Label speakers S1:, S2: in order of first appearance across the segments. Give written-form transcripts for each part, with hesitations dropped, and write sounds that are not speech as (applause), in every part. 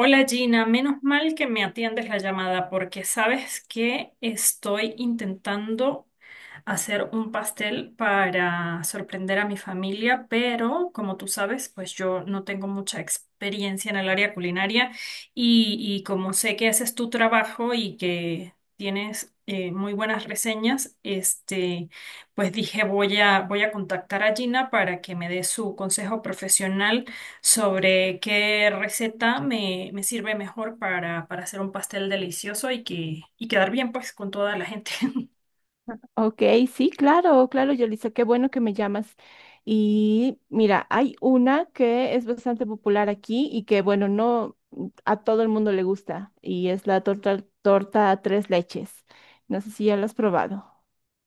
S1: Hola Gina, menos mal que me atiendes la llamada porque sabes que estoy intentando hacer un pastel para sorprender a mi familia, pero como tú sabes, pues yo no tengo mucha experiencia en el área culinaria y como sé que haces tu trabajo y que tienes muy buenas reseñas, este, pues dije voy a contactar a Gina para que me dé su consejo profesional sobre qué receta me sirve mejor para hacer un pastel delicioso y quedar bien pues con toda la gente. (laughs)
S2: Ok, sí, claro, claro, Yolisa, qué bueno que me llamas. Y mira, hay una que es bastante popular aquí y que, bueno, no a todo el mundo le gusta y es la torta tres leches. No sé si ya la has probado.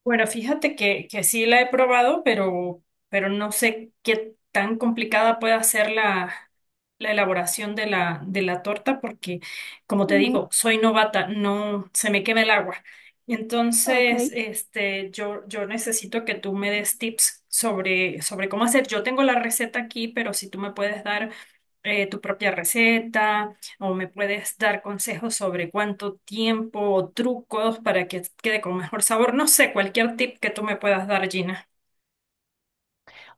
S1: Bueno, fíjate que sí la he probado, pero no sé qué tan complicada pueda ser la elaboración de la torta, porque, como te
S2: Ujú.
S1: digo, soy novata, no se me quema el agua.
S2: Ok.
S1: Entonces, este, yo necesito que tú me des tips sobre cómo hacer. Yo tengo la receta aquí, pero si tú me puedes dar tu propia receta o me puedes dar consejos sobre cuánto tiempo o trucos para que quede con mejor sabor. No sé, cualquier tip que tú me puedas dar, Gina.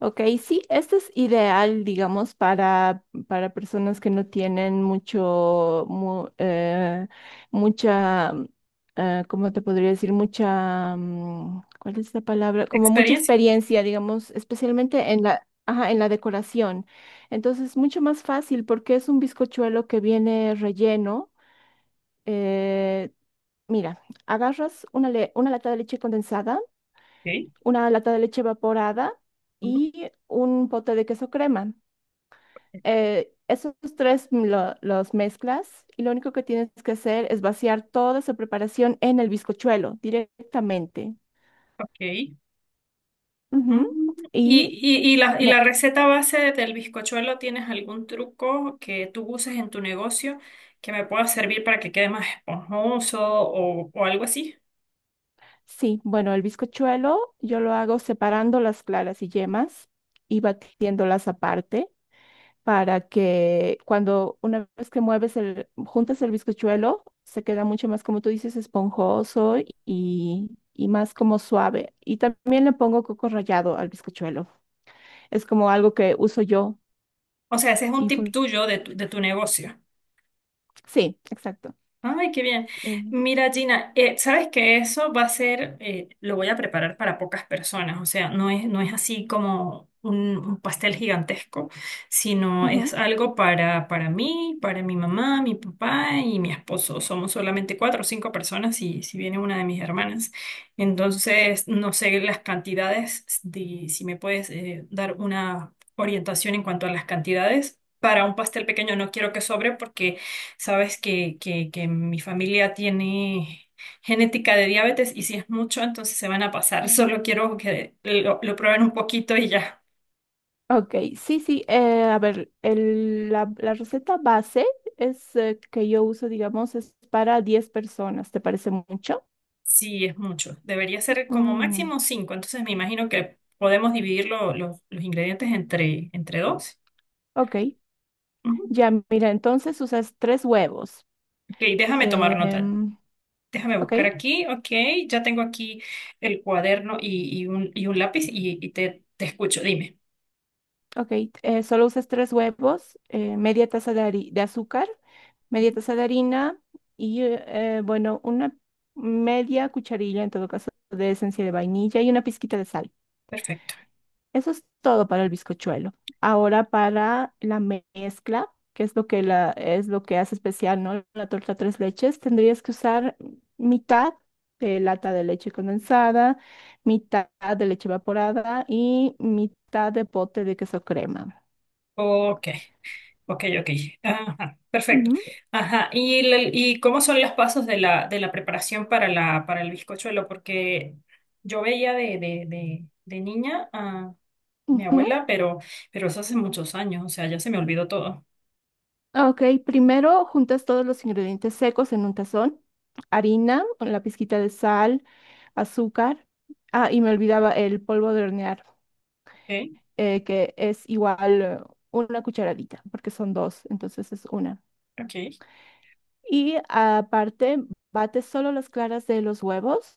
S2: Ok, sí, este es ideal, digamos, para personas que no tienen mucha, ¿cómo te podría decir? Mucha, ¿cuál es la palabra? Como mucha
S1: ¿Experiencia?
S2: experiencia, digamos, especialmente en la, ajá, en la decoración. Entonces, mucho más fácil porque es un bizcochuelo que viene relleno. eh, Mira, agarras una lata de leche condensada,
S1: Ok.
S2: una lata de leche evaporada
S1: Ujú.
S2: y un pote de queso crema. Esos tres los mezclas y lo único que tienes que hacer es vaciar toda esa preparación en el bizcochuelo directamente.
S1: Ok.
S2: Ujú.
S1: Mm,
S2: Y
S1: ¿Y, y, y la, y
S2: me-
S1: la receta base del bizcochuelo, ¿tienes algún truco que tú uses en tu negocio que me pueda servir para que quede más esponjoso o algo así?
S2: sí, bueno, el bizcochuelo yo lo hago separando las claras y yemas y batiéndolas aparte, para que cuando una vez que mueves el, juntas el bizcochuelo, se queda mucho más, como tú dices, esponjoso y más como suave. Y también le pongo coco rallado al bizcochuelo. Es como algo que uso yo.
S1: O sea, ese es un
S2: y
S1: tip
S2: fun-
S1: tuyo de tu negocio.
S2: sí, exacto.
S1: Ay, qué bien.
S2: Eh,
S1: Mira, Gina, sabes que eso va a ser, lo voy a preparar para pocas personas, o sea, no es así como un pastel gigantesco, sino es
S2: Ujú.
S1: algo para mí, para mi mamá, mi papá y mi esposo. Somos solamente cuatro o cinco personas y si viene una de mis hermanas. Entonces, no sé las cantidades, si me puedes, dar una orientación en cuanto a las cantidades. Para un pastel pequeño no quiero que sobre porque sabes que mi familia tiene genética de diabetes y si es mucho, entonces se van a pasar. (laughs)
S2: Ah,
S1: Solo quiero que lo prueben un poquito y ya.
S2: ok, sí, sí. A ver, la receta base es, que yo uso, digamos, es para 10 personas. ¿Te parece mucho?
S1: Sí, es mucho. Debería ser como
S2: Mm,
S1: máximo cinco. Entonces me imagino que podemos dividir los ingredientes entre dos.
S2: ok.
S1: Ujú.
S2: Ya, mira, entonces usas tres huevos.
S1: Ok, déjame tomar nota.
S2: Em,
S1: Déjame
S2: ok,
S1: buscar aquí. Ok, ya tengo aquí el cuaderno y un lápiz y te escucho. Dime.
S2: ok. Solo usas tres huevos, media taza de azúcar, media taza de harina y, bueno, una media cucharilla en todo caso de esencia de vainilla y una pizquita de sal.
S1: Perfecto.
S2: Eso es todo para el bizcochuelo. Ahora para la mezcla, que es lo que hace especial, ¿no? La torta tres leches, tendrías que usar mitad de lata de leche condensada, mitad de leche evaporada y mitad de pote de queso crema.
S1: Ok. Ok, ok. Ajá, perfecto.
S2: Ujú,
S1: Ajá. ¿Y cómo son los pasos de la preparación para el bizcochuelo? Porque yo veía de niña a mi
S2: ujú.
S1: abuela, pero eso hace muchos años, o sea, ya se me olvidó todo.
S2: Ok, primero juntas todos los ingredientes secos en un tazón, harina, la pizquita de sal, azúcar. Ah, y me olvidaba el polvo de hornear,
S1: Ok,
S2: que es igual, una cucharadita, porque son dos, entonces es una.
S1: ok.
S2: Y aparte, bates solo las claras de los huevos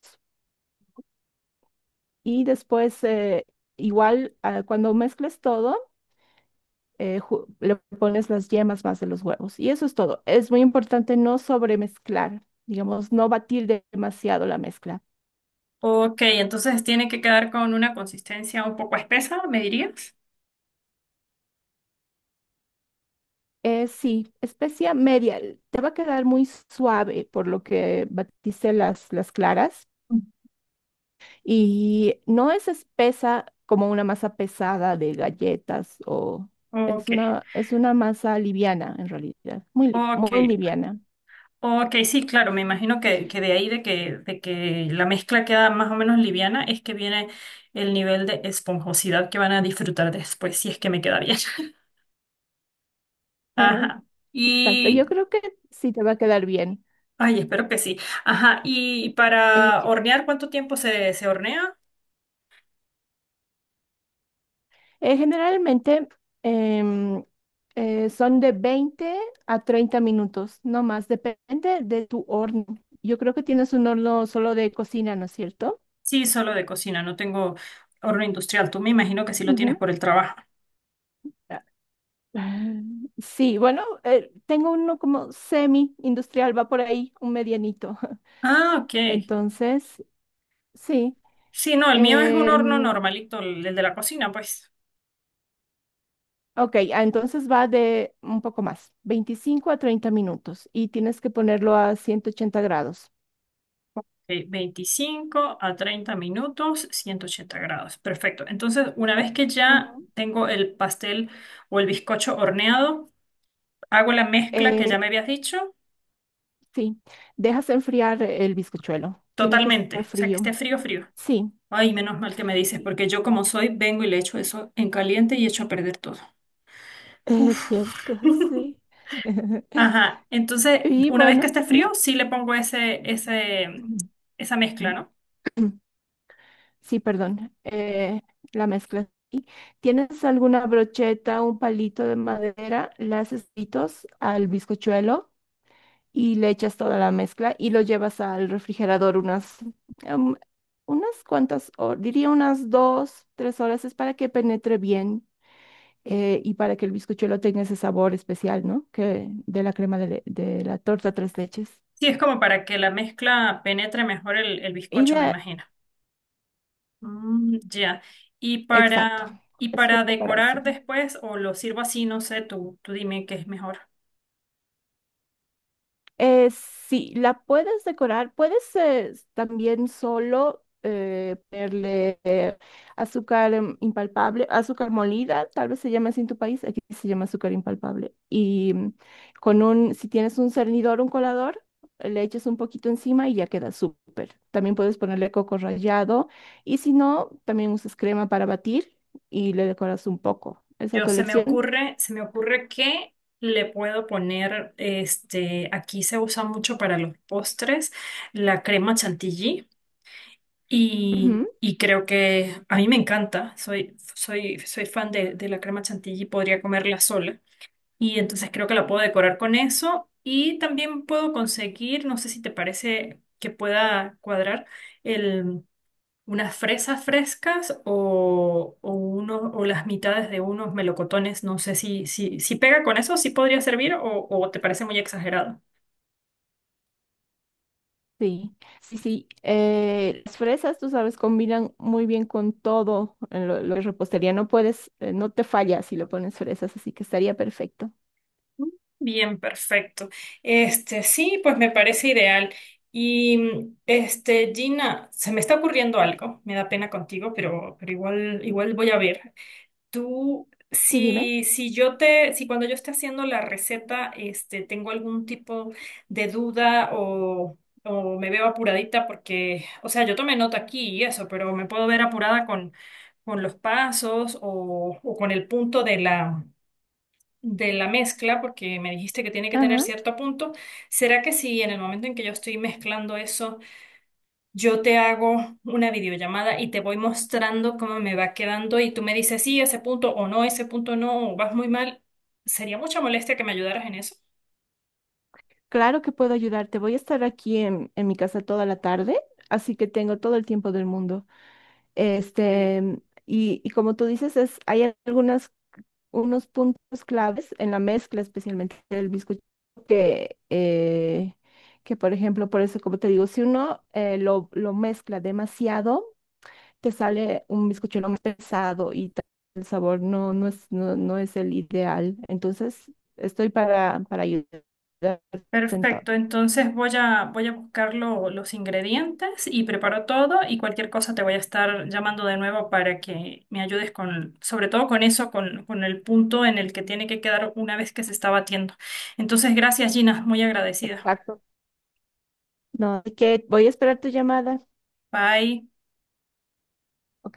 S2: y después, igual, ah, cuando mezcles todo, le pones las yemas más de los huevos. Y eso es todo. Es muy importante no sobremezclar, digamos, no batir demasiado la mezcla.
S1: Ok, entonces tiene que quedar con una consistencia un poco espesa, ¿me dirías?
S2: Sí, especia media. Te va a quedar muy suave por lo que batiste las claras.
S1: Mm.
S2: Y no es espesa como una masa pesada de galletas, o
S1: Ok,
S2: es una masa liviana en realidad, muy, li-
S1: ok.
S2: muy liviana.
S1: Ok, sí, claro, me imagino que de ahí de que la mezcla queda más o menos liviana es que viene el nivel de esponjosidad que van a disfrutar después, si es que me queda bien. (laughs)
S2: Eh,
S1: Ajá.
S2: exacto, yo
S1: Y,
S2: creo que sí te va a quedar bien.
S1: ay, espero que sí. Ajá. Y
S2: Eh,
S1: para hornear, ¿cuánto tiempo se hornea?
S2: Generalmente, em, son de 20 a 30 minutos, no más, depende de tu horno. Yo creo que tienes un horno solo de cocina, ¿no es cierto?
S1: Sí, solo de cocina, no tengo horno industrial. Tú me imagino que sí lo
S2: Ujú.
S1: tienes por el trabajo.
S2: (laughs) Ah, sí, bueno, tengo uno como semi-industrial, va por ahí, un medianito. (laughs)
S1: Ah, ok.
S2: Entonces, sí.
S1: Sí, no, el mío es un horno
S2: em,
S1: normalito, el de la cocina, pues.
S2: ok, ah, entonces va de un poco más, 25 a 30 minutos y tienes que ponerlo a 180 grados.
S1: Ok, 25 a 30 minutos, 180 grados. Perfecto. Entonces, una vez que ya
S2: Ujú.
S1: tengo el pastel o el bizcocho horneado, hago la mezcla que
S2: Eh,
S1: ya me habías dicho
S2: sí, dejas enfriar el bizcochuelo, tiene que
S1: totalmente.
S2: estar
S1: O sea, que esté
S2: frío.
S1: frío, frío.
S2: Sí,
S1: Ay, menos mal que me dices, porque
S2: (laughs)
S1: yo como soy, vengo y le echo eso en caliente y echo a perder todo.
S2: es
S1: Uf.
S2: cierto,
S1: (laughs)
S2: sí. (laughs)
S1: Ajá. Entonces,
S2: Y
S1: una vez que
S2: bueno.
S1: esté frío, sí le pongo ese, ese,
S2: Ujú.
S1: esa mezcla, ¿no?
S2: Sí, perdón, la mezcla. ¿Tienes alguna brocheta, un palito de madera? Le haces pitos al bizcochuelo y le echas toda la mezcla y lo llevas al refrigerador em, unas cuantas horas, diría unas 2, 3 horas, es para que penetre bien, y para que el bizcochuelo tenga ese sabor especial, ¿no? Que de la crema de la torta tres leches.
S1: Sí, es como para que la mezcla penetre mejor el
S2: Y
S1: bizcocho, me
S2: de,
S1: imagino. Mm, ya. Y
S2: exacto,
S1: para, y
S2: es
S1: para
S2: justo para eso.
S1: decorar después, o lo sirvo así, no sé, tú dime qué es mejor.
S2: Sí, la puedes decorar, puedes, también solo, ponerle, azúcar, impalpable, azúcar molida, tal vez se llama así en tu país, aquí se llama azúcar impalpable. Y si tienes un cernidor, un colador, le echas un poquito encima y ya queda súper. También puedes ponerle coco rallado, y si no, también usas crema para batir y le decoras un poco. Esa es a
S1: Yo
S2: tu
S1: se me
S2: elección.
S1: ocurre, se me ocurre que le puedo poner, este, aquí se usa mucho para los postres, la crema chantilly. Y creo que a mí me encanta. Soy fan de la crema chantilly, podría comerla sola. Y entonces creo que la puedo decorar con eso. Y también puedo conseguir, no sé si te parece que pueda cuadrar, el, unas fresas frescas o las mitades de unos melocotones. No sé si pega con eso, si podría servir o te parece muy exagerado.
S2: Sí, sí, sí. Las fresas, tú sabes, combinan muy bien con todo en lo que es repostería. No puedes, no te falla si le pones fresas, así que estaría perfecto.
S1: Bien, perfecto. Este, sí, pues me parece ideal. Y este, Gina, se me está ocurriendo algo. Me da pena contigo, pero igual voy a ver. Tú,
S2: Sí, dime.
S1: si, si yo te, si cuando yo esté haciendo la receta, este, tengo algún tipo de duda o me veo apuradita porque, o sea, yo tomé nota aquí y eso, pero me puedo ver apurada con los pasos o con el punto de la mezcla, porque me dijiste que tiene que tener
S2: Ajá.
S1: cierto punto. ¿Será que si en el momento en que yo estoy mezclando eso, yo te hago una videollamada y te voy mostrando cómo me va quedando y tú me dices, sí, ese punto o no, ese punto no, o vas muy mal? Sería mucha molestia que me ayudaras en eso.
S2: Claro que puedo ayudarte. Voy a estar aquí en mi casa toda la tarde, así que tengo todo el tiempo del mundo.
S1: Qué bien.
S2: Este, y como tú dices, es, hay algunas unos puntos claves en la mezcla, especialmente del bizcocho, que, eh, que por ejemplo, por eso, como te digo, si uno, lo mezcla demasiado, te sale un bizcochuelo más pesado y tal, el sabor no, no es, no, no es el ideal. Entonces, estoy para ayudarte en todo.
S1: Perfecto, entonces voy a, voy a buscar los ingredientes y preparo todo y cualquier cosa te voy a estar llamando de nuevo para que me ayudes con, sobre todo con eso, con el punto en el que tiene que quedar una vez que se está batiendo. Entonces, gracias Gina, muy agradecida.
S2: Exacto. No, así que voy a esperar tu llamada.
S1: Bye.
S2: Ok,